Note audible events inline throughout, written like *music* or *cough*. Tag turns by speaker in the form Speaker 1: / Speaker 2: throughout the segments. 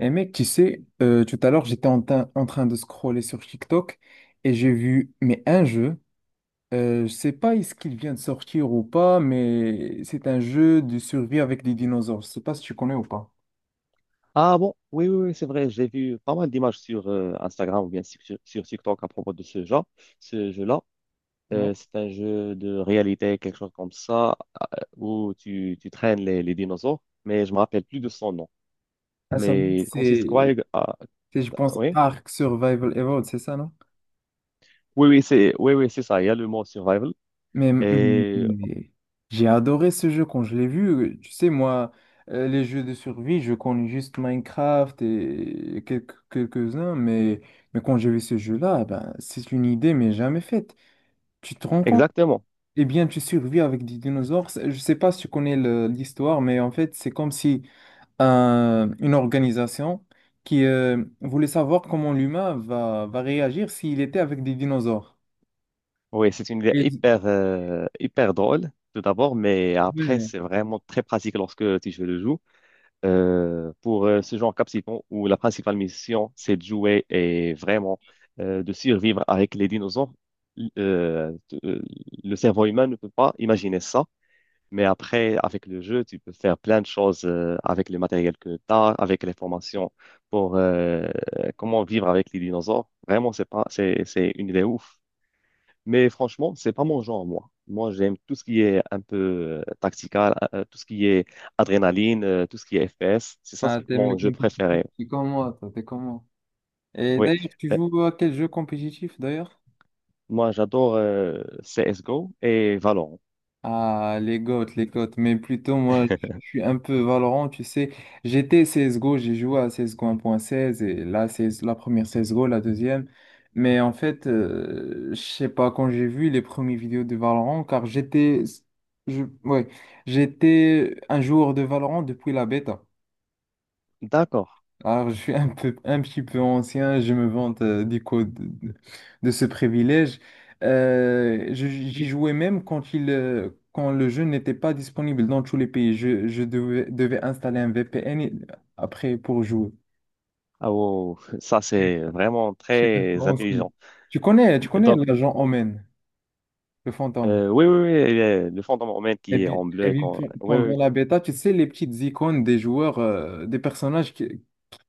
Speaker 1: Et mec, tu sais, tout à l'heure, j'étais en train de scroller sur TikTok et j'ai vu, mais un jeu, je sais pas est-ce qu'il vient de sortir ou pas, mais c'est un jeu de survie avec des dinosaures. Je sais pas si tu connais ou pas.
Speaker 2: Ah bon, oui, oui, oui, c'est vrai, j'ai vu pas mal d'images sur Instagram ou bien sur, sur TikTok à propos de ce genre, ce jeu-là.
Speaker 1: Ouais.
Speaker 2: C'est un jeu de réalité, quelque chose comme ça, euh, où tu traînes les dinosaures, mais je me rappelle plus de son nom.
Speaker 1: Ah, ça,
Speaker 2: Mais il consiste quoi?
Speaker 1: c'est, c'est, je pense,
Speaker 2: Oui,
Speaker 1: Ark Survival Evolved, c'est ça, non?
Speaker 2: oui, oui, c'est ça, il y a le mot survival.
Speaker 1: Mais, mais-
Speaker 2: Et
Speaker 1: mais j'ai adoré ce jeu quand je l'ai vu. Tu sais, moi, les jeux de survie, je connais juste Minecraft et quelques-uns, mais quand j'ai vu ce jeu-là, ben, c'est une idée, mais jamais faite. Tu te rends compte?
Speaker 2: exactement.
Speaker 1: Eh bien, tu survis avec des dinosaures. Je sais pas si tu connais l'histoire, mais en fait, c'est comme si une organisation qui voulait savoir comment l'humain va réagir s'il était avec des dinosaures.
Speaker 2: Oui, c'est une idée
Speaker 1: Et-
Speaker 2: hyper, hyper drôle, tout d'abord, mais après,
Speaker 1: Ouais.
Speaker 2: c'est vraiment très pratique lorsque tu joues le jeu. Pour ce genre captivant où la principale mission, c'est de jouer et vraiment de survivre avec les dinosaures, euh, t- euh, le cerveau humain ne peut pas imaginer ça. Mais après, avec le jeu, tu peux faire plein de choses avec le matériel que tu as, avec les formations pour comment vivre avec les dinosaures. Vraiment, c'est pas, c'est une idée ouf. Mais franchement, c'est pas mon genre, moi. Moi, j'aime tout ce qui est un peu tactical, tout ce qui est adrénaline, tout ce qui est FPS.
Speaker 1: Ah,
Speaker 2: C'est
Speaker 1: t'aimes le
Speaker 2: mon jeu
Speaker 1: compétitif?
Speaker 2: préféré.
Speaker 1: T'es comme moi, toi, t'es comme moi. Et
Speaker 2: Oui.
Speaker 1: d'ailleurs, tu
Speaker 2: Euh,
Speaker 1: joues à quel jeu compétitif, d'ailleurs?
Speaker 2: Moi, j'adore CSGO et Valorant.
Speaker 1: Ah, les GOAT, les GOAT. Mais plutôt, moi, je
Speaker 2: *laughs*
Speaker 1: suis un peu Valorant, tu sais. J'étais CSGO, j'ai joué à CSGO 1.16 et là, c'est la première CSGO, la deuxième. Mais en fait, je sais pas, quand j'ai vu les premières vidéos de Valorant, car j'étais... Ouais, j'étais un joueur de Valorant depuis la bêta.
Speaker 2: D'accord.
Speaker 1: Alors, je suis un peu, un petit peu ancien, je me vante du coup de- de ce privilège. J'y jouais même quand le jeu n'était pas disponible dans tous les pays. Je devais installer un VPN après pour jouer.
Speaker 2: Ah, wow. Wow, wow. Ça, c'est vraiment
Speaker 1: Je suis un peu
Speaker 2: très
Speaker 1: ancien.
Speaker 2: intelligent.
Speaker 1: Tu connais
Speaker 2: Donc,
Speaker 1: l'agent Omen, le fantôme.
Speaker 2: oui, oui, oui, le fond de mon mail
Speaker 1: Eh
Speaker 2: qui est
Speaker 1: bien,
Speaker 2: en bleu
Speaker 1: eh
Speaker 2: et
Speaker 1: bien,
Speaker 2: qu'on...
Speaker 1: pe-
Speaker 2: Oui, oui, oui,
Speaker 1: pendant la bêta, tu sais, les petites icônes des joueurs, des personnages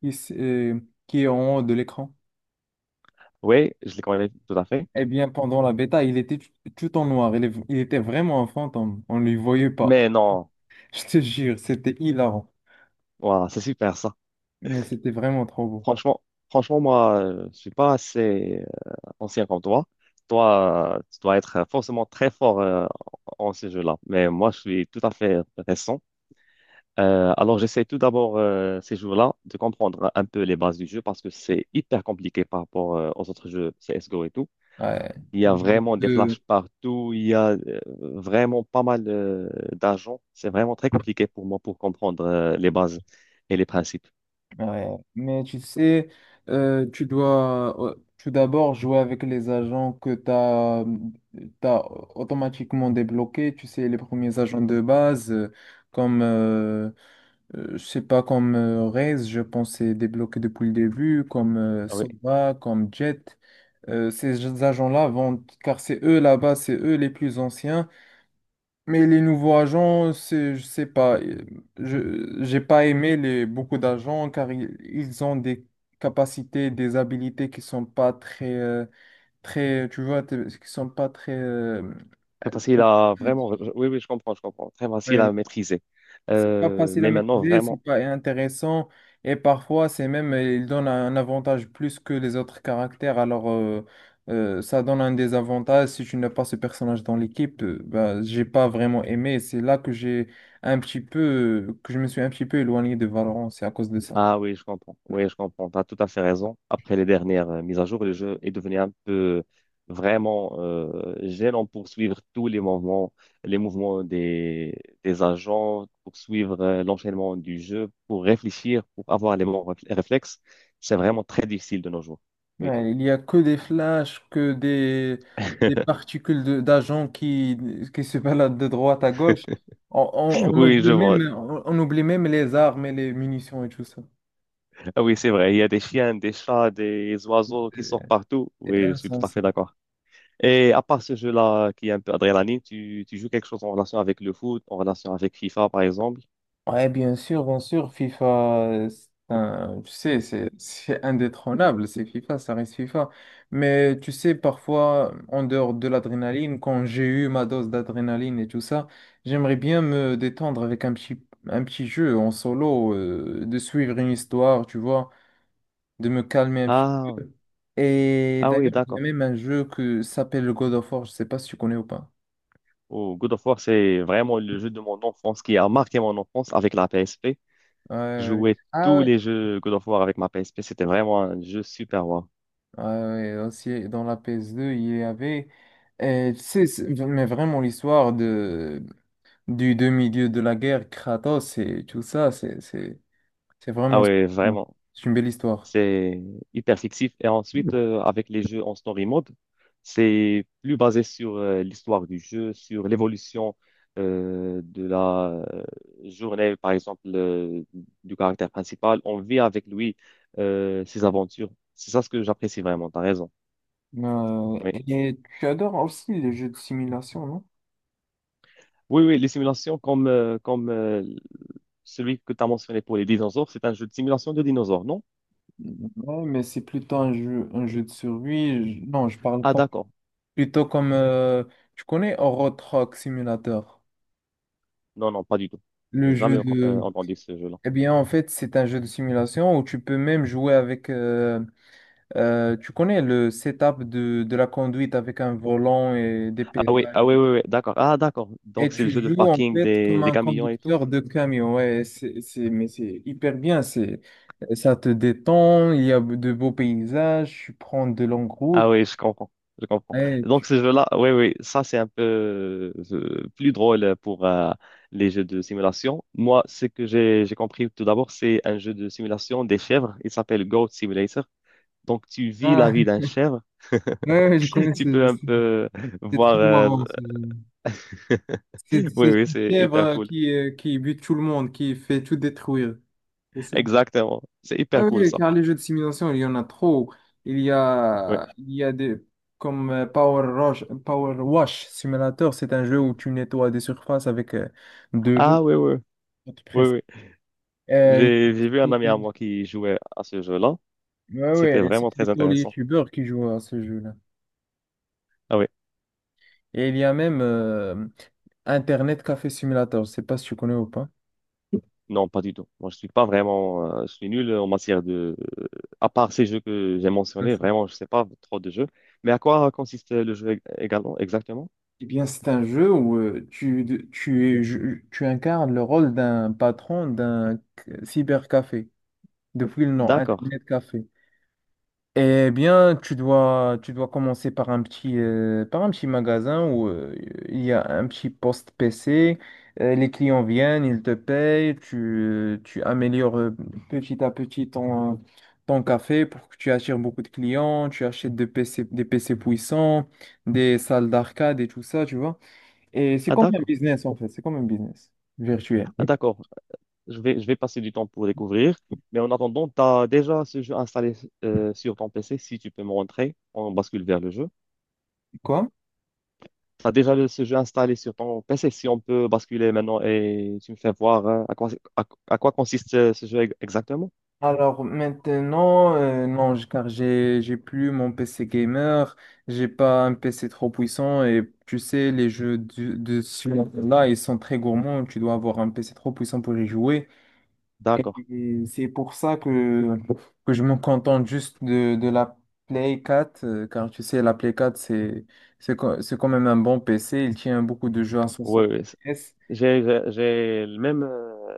Speaker 1: qui, s- euh, qui est en haut de l'écran.
Speaker 2: oui, je les connais tout à fait.
Speaker 1: Eh bien, pendant la bêta, il était tout en noir. Il était vraiment un fantôme. On ne lui voyait pas.
Speaker 2: Mais non,
Speaker 1: *laughs* Je te jure, c'était hilarant.
Speaker 2: voilà, c'est super ça.
Speaker 1: Mais c'était vraiment trop beau.
Speaker 2: Franchement, franchement, moi, je suis pas assez ancien comme toi, toi, tu dois être forcément très fort en ces jeux-là. Mais moi, je suis tout à fait récent. Alors, j'essaie tout d'abord ces jeux là de comprendre un peu les bases du jeu parce que c'est hyper compliqué par rapport aux autres jeux CSGO et tout.
Speaker 1: Ouais.
Speaker 2: Il y
Speaker 1: Il
Speaker 2: a
Speaker 1: y a beaucoup
Speaker 2: vraiment des flashs
Speaker 1: de-
Speaker 2: partout, il y a vraiment pas mal d'agents. C'est vraiment très compliqué pour moi pour comprendre les bases et les principes.
Speaker 1: Ouais. Mais tu sais, tu dois tout d'abord jouer avec les agents que tu as, automatiquement débloqués. Tu sais, les premiers agents de base, comme c'est pas comme Rez, je pense, c'est débloqué depuis le début, comme
Speaker 2: Ah oui,
Speaker 1: Sova, comme Jet. Ces agents-là vont, car c'est eux là-bas, c'est eux les plus anciens. Mais les nouveaux agents, c'est, je sais pas, j'ai pas aimé beaucoup d'agents car ils ont des capacités, des habilités qui sont pas très, très, tu vois, qui sont pas très,
Speaker 2: très facile à vraiment. Oui, oui, je comprends, je comprends. Très facile
Speaker 1: Ouais,
Speaker 2: à maîtriser.
Speaker 1: c'est pas facile à
Speaker 2: Mais maintenant,
Speaker 1: maîtriser, c'est
Speaker 2: vraiment,
Speaker 1: pas intéressant et parfois c'est même il donne un avantage plus que les autres caractères. Alors ça donne un désavantage si tu n'as pas ce personnage dans l'équipe. Bah, j'ai pas vraiment aimé. C'est là que j'ai un petit peu, que je me suis un petit peu éloigné de Valorant. C'est à cause de ça.
Speaker 2: ah oui, je comprends. Oui, je comprends. Tu as tout à fait raison. Après les dernières mises à jour, le jeu est devenu un peu vraiment gênant pour suivre tous les mouvements des agents, pour suivre l'enchaînement du jeu, pour réfléchir, pour avoir les bons réflexes. C'est vraiment très difficile de nos jours. Oui,
Speaker 1: Ouais, il n'y a que des flashs, que des
Speaker 2: *laughs*
Speaker 1: particules d'agents qui se baladent de droite à gauche. On
Speaker 2: oui,
Speaker 1: oublie
Speaker 2: je
Speaker 1: même
Speaker 2: vois.
Speaker 1: les armes et les munitions et tout ça.
Speaker 2: Ah oui, c'est vrai. Il y a des chiens, des chats, des oiseaux qui sortent partout.
Speaker 1: C'est
Speaker 2: Oui, je suis tout à
Speaker 1: insensé.
Speaker 2: fait d'accord. Et à part ce jeu-là qui est un peu adrénaline, tu joues quelque chose en relation avec le foot, en relation avec FIFA par exemple?
Speaker 1: Ouais, bien sûr, FIFA, tu sais, c'est indétrônable, c'est FIFA, ça reste FIFA. Mais tu sais, parfois, en dehors de l'adrénaline, quand j'ai eu ma dose d'adrénaline et tout ça, j'aimerais bien me détendre avec un petit jeu en solo, de suivre une histoire, tu vois, de me calmer un petit.
Speaker 2: Ah,
Speaker 1: Et
Speaker 2: ah oui,
Speaker 1: d'ailleurs, il y a
Speaker 2: d'accord.
Speaker 1: même un jeu que s'appelle God of War, je sais pas si tu connais ou pas.
Speaker 2: Oh, God of War, c'est vraiment le jeu de mon enfance qui a marqué mon enfance avec la PSP.
Speaker 1: Ouais,
Speaker 2: Je
Speaker 1: ouais.
Speaker 2: jouais
Speaker 1: Ah
Speaker 2: tous
Speaker 1: ouais,
Speaker 2: les jeux God of War avec ma PSP, c'était vraiment un jeu super wow.
Speaker 1: ah ouais, aussi, dans la PS2, il y avait, tu sais, mais vraiment l'histoire du demi-dieu de la guerre, Kratos et tout ça, c'est
Speaker 2: Ah
Speaker 1: vraiment,
Speaker 2: oui,
Speaker 1: ouais,
Speaker 2: vraiment.
Speaker 1: c'est une belle histoire.
Speaker 2: C'est hyper fictif. Et ensuite, avec les jeux en story mode, c'est plus basé sur l'histoire du jeu, sur l'évolution euh, de la journée, par exemple, du caractère principal. On vit avec lui ses aventures. C'est ça ce que j'apprécie vraiment, t'as raison. Oui,
Speaker 1: Et tu adores aussi les jeux de simulation, non?
Speaker 2: oui, oui, les simulations comme celui que tu as mentionné pour les dinosaures, c'est un jeu de simulation de dinosaures, non?
Speaker 1: Ouais, mais c'est plutôt un jeu de survie. Non, je parle
Speaker 2: Ah,
Speaker 1: pas-
Speaker 2: d'accord.
Speaker 1: plutôt comme, tu connais Euro Truck Simulator,
Speaker 2: Non, non, pas du tout.
Speaker 1: le
Speaker 2: J'ai
Speaker 1: jeu
Speaker 2: jamais
Speaker 1: de...
Speaker 2: entendu ce jeu-là.
Speaker 1: Eh bien, en fait, c'est un jeu de simulation où tu peux même jouer avec... tu connais le setup de la conduite avec un volant et des
Speaker 2: Ah oui,
Speaker 1: pédales.
Speaker 2: ah
Speaker 1: Et
Speaker 2: oui,
Speaker 1: tout.
Speaker 2: oui, oui, d'accord. Ah, d'accord.
Speaker 1: Et
Speaker 2: Donc, c'est le
Speaker 1: tu
Speaker 2: jeu de
Speaker 1: joues en
Speaker 2: parking
Speaker 1: fait comme
Speaker 2: des
Speaker 1: un
Speaker 2: camions et tout.
Speaker 1: conducteur de camion. Ouais, mais c'est hyper bien. Ça te détend, il y a de beaux paysages, tu prends de longues
Speaker 2: Ah oui,
Speaker 1: routes.
Speaker 2: je comprends. Je comprends.
Speaker 1: Ouais,
Speaker 2: Donc, ce jeu-là, oui, oui, ça, c'est un peu plus drôle pour les jeux de simulation. Moi, ce que j'ai compris tout d'abord, c'est un jeu de simulation des chèvres. Il s'appelle Goat Simulator. Donc, tu vis la
Speaker 1: ah,
Speaker 2: vie d'un chèvre.
Speaker 1: *laughs* ouais, ouais, je
Speaker 2: *laughs*
Speaker 1: connais
Speaker 2: Tu peux un peu
Speaker 1: c'est
Speaker 2: voir.
Speaker 1: très marrant, ce jeu.
Speaker 2: *laughs*
Speaker 1: C'est
Speaker 2: Oui,
Speaker 1: c'est
Speaker 2: oui,
Speaker 1: une
Speaker 2: c'est hyper
Speaker 1: chèvre
Speaker 2: cool.
Speaker 1: qui bute tout le monde, qui fait tout détruire.
Speaker 2: Exactement. C'est hyper
Speaker 1: Ah
Speaker 2: cool,
Speaker 1: oui,
Speaker 2: ça.
Speaker 1: car les jeux de simulation, il y en a trop. Il y
Speaker 2: Oui.
Speaker 1: a, il y a des, comme Power Wash Simulator, c'est un jeu où tu nettoies des surfaces avec de
Speaker 2: Ah,
Speaker 1: l'eau,
Speaker 2: oui, oui.
Speaker 1: pour te
Speaker 2: Oui,
Speaker 1: presser.
Speaker 2: oui.
Speaker 1: Euh,
Speaker 2: J'ai vu un ami à
Speaker 1: il-
Speaker 2: moi qui jouait à ce jeu-là.
Speaker 1: ouais, ouais,
Speaker 2: C'était
Speaker 1: c'est
Speaker 2: vraiment très
Speaker 1: plutôt les
Speaker 2: intéressant.
Speaker 1: youtubeurs qui jouent à ce jeu-là.
Speaker 2: Ah oui,
Speaker 1: Et il y a même Internet Café Simulator, je sais pas si tu connais ou pas.
Speaker 2: non, pas du tout. Moi, je suis pas vraiment, je suis nul en matière de, à part ces jeux que j'ai mentionnés,
Speaker 1: Vincent.
Speaker 2: vraiment, je sais pas trop de jeux. Mais à quoi consiste le jeu également, exactement?
Speaker 1: Eh bien, c'est un jeu où tu incarnes le rôle d'un patron d'un cybercafé. Depuis le nom,
Speaker 2: D'accord.
Speaker 1: Internet Café. Eh bien, tu dois commencer par un petit magasin où il y a un petit poste PC. Les clients viennent, ils te payent, tu améliores petit à petit ton café pour que tu attires beaucoup de clients. Tu achètes des PC, des PC puissants, des salles d'arcade et tout ça, tu vois. Et c'est
Speaker 2: Ah
Speaker 1: comme un
Speaker 2: d'accord.
Speaker 1: business en fait, c'est comme un business virtuel.
Speaker 2: Ah
Speaker 1: Ok.
Speaker 2: d'accord. Je vais passer du temps pour découvrir. Mais en attendant, tu as déjà ce jeu installé sur ton PC. Si tu peux me montrer, on bascule vers le jeu.
Speaker 1: Quoi?
Speaker 2: T'as déjà ce jeu installé sur ton PC si on peut basculer maintenant et tu me fais voir hein, à quoi, à quoi consiste ce jeu exactement?
Speaker 1: Alors maintenant, non, car j'ai plus mon PC gamer, j'ai pas un PC trop puissant et tu sais, les jeux de ce là ils sont très gourmands, tu dois avoir un PC trop puissant pour y jouer. Et,
Speaker 2: D'accord.
Speaker 1: et c'est pour ça que je me contente juste de la Play quatre, car tu sais, la PS4 c'est quand même un bon PC, il tient beaucoup de jeux à son
Speaker 2: Oui, oui.
Speaker 1: FPS.
Speaker 2: J'ai le même euh,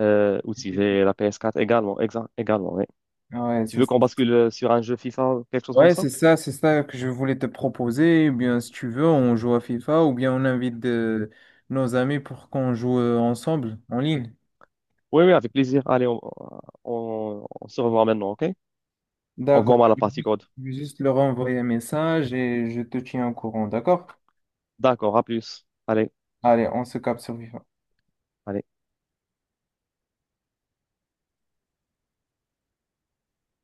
Speaker 2: euh, outil. J'ai la PS4 également. Également oui.
Speaker 1: Ouais,
Speaker 2: Tu
Speaker 1: c'est
Speaker 2: veux
Speaker 1: ça.
Speaker 2: qu'on bascule sur un jeu FIFA quelque chose comme
Speaker 1: Ouais,
Speaker 2: ça?
Speaker 1: c'est ça que je voulais te proposer. Eh bien, si tu veux, on joue à FIFA ou bien on invite nos amis pour qu'on joue ensemble en ligne.
Speaker 2: Oui, oui, avec plaisir. Allez, on se revoit maintenant, OK? On
Speaker 1: D'accord.
Speaker 2: voit mal
Speaker 1: Je
Speaker 2: la
Speaker 1: vais
Speaker 2: partie
Speaker 1: juste
Speaker 2: code.
Speaker 1: je vais juste leur envoyer un message et je te tiens au courant, d'accord?
Speaker 2: D'accord, à plus. Allez,
Speaker 1: Allez, on se capte sur FIFA.
Speaker 2: allez.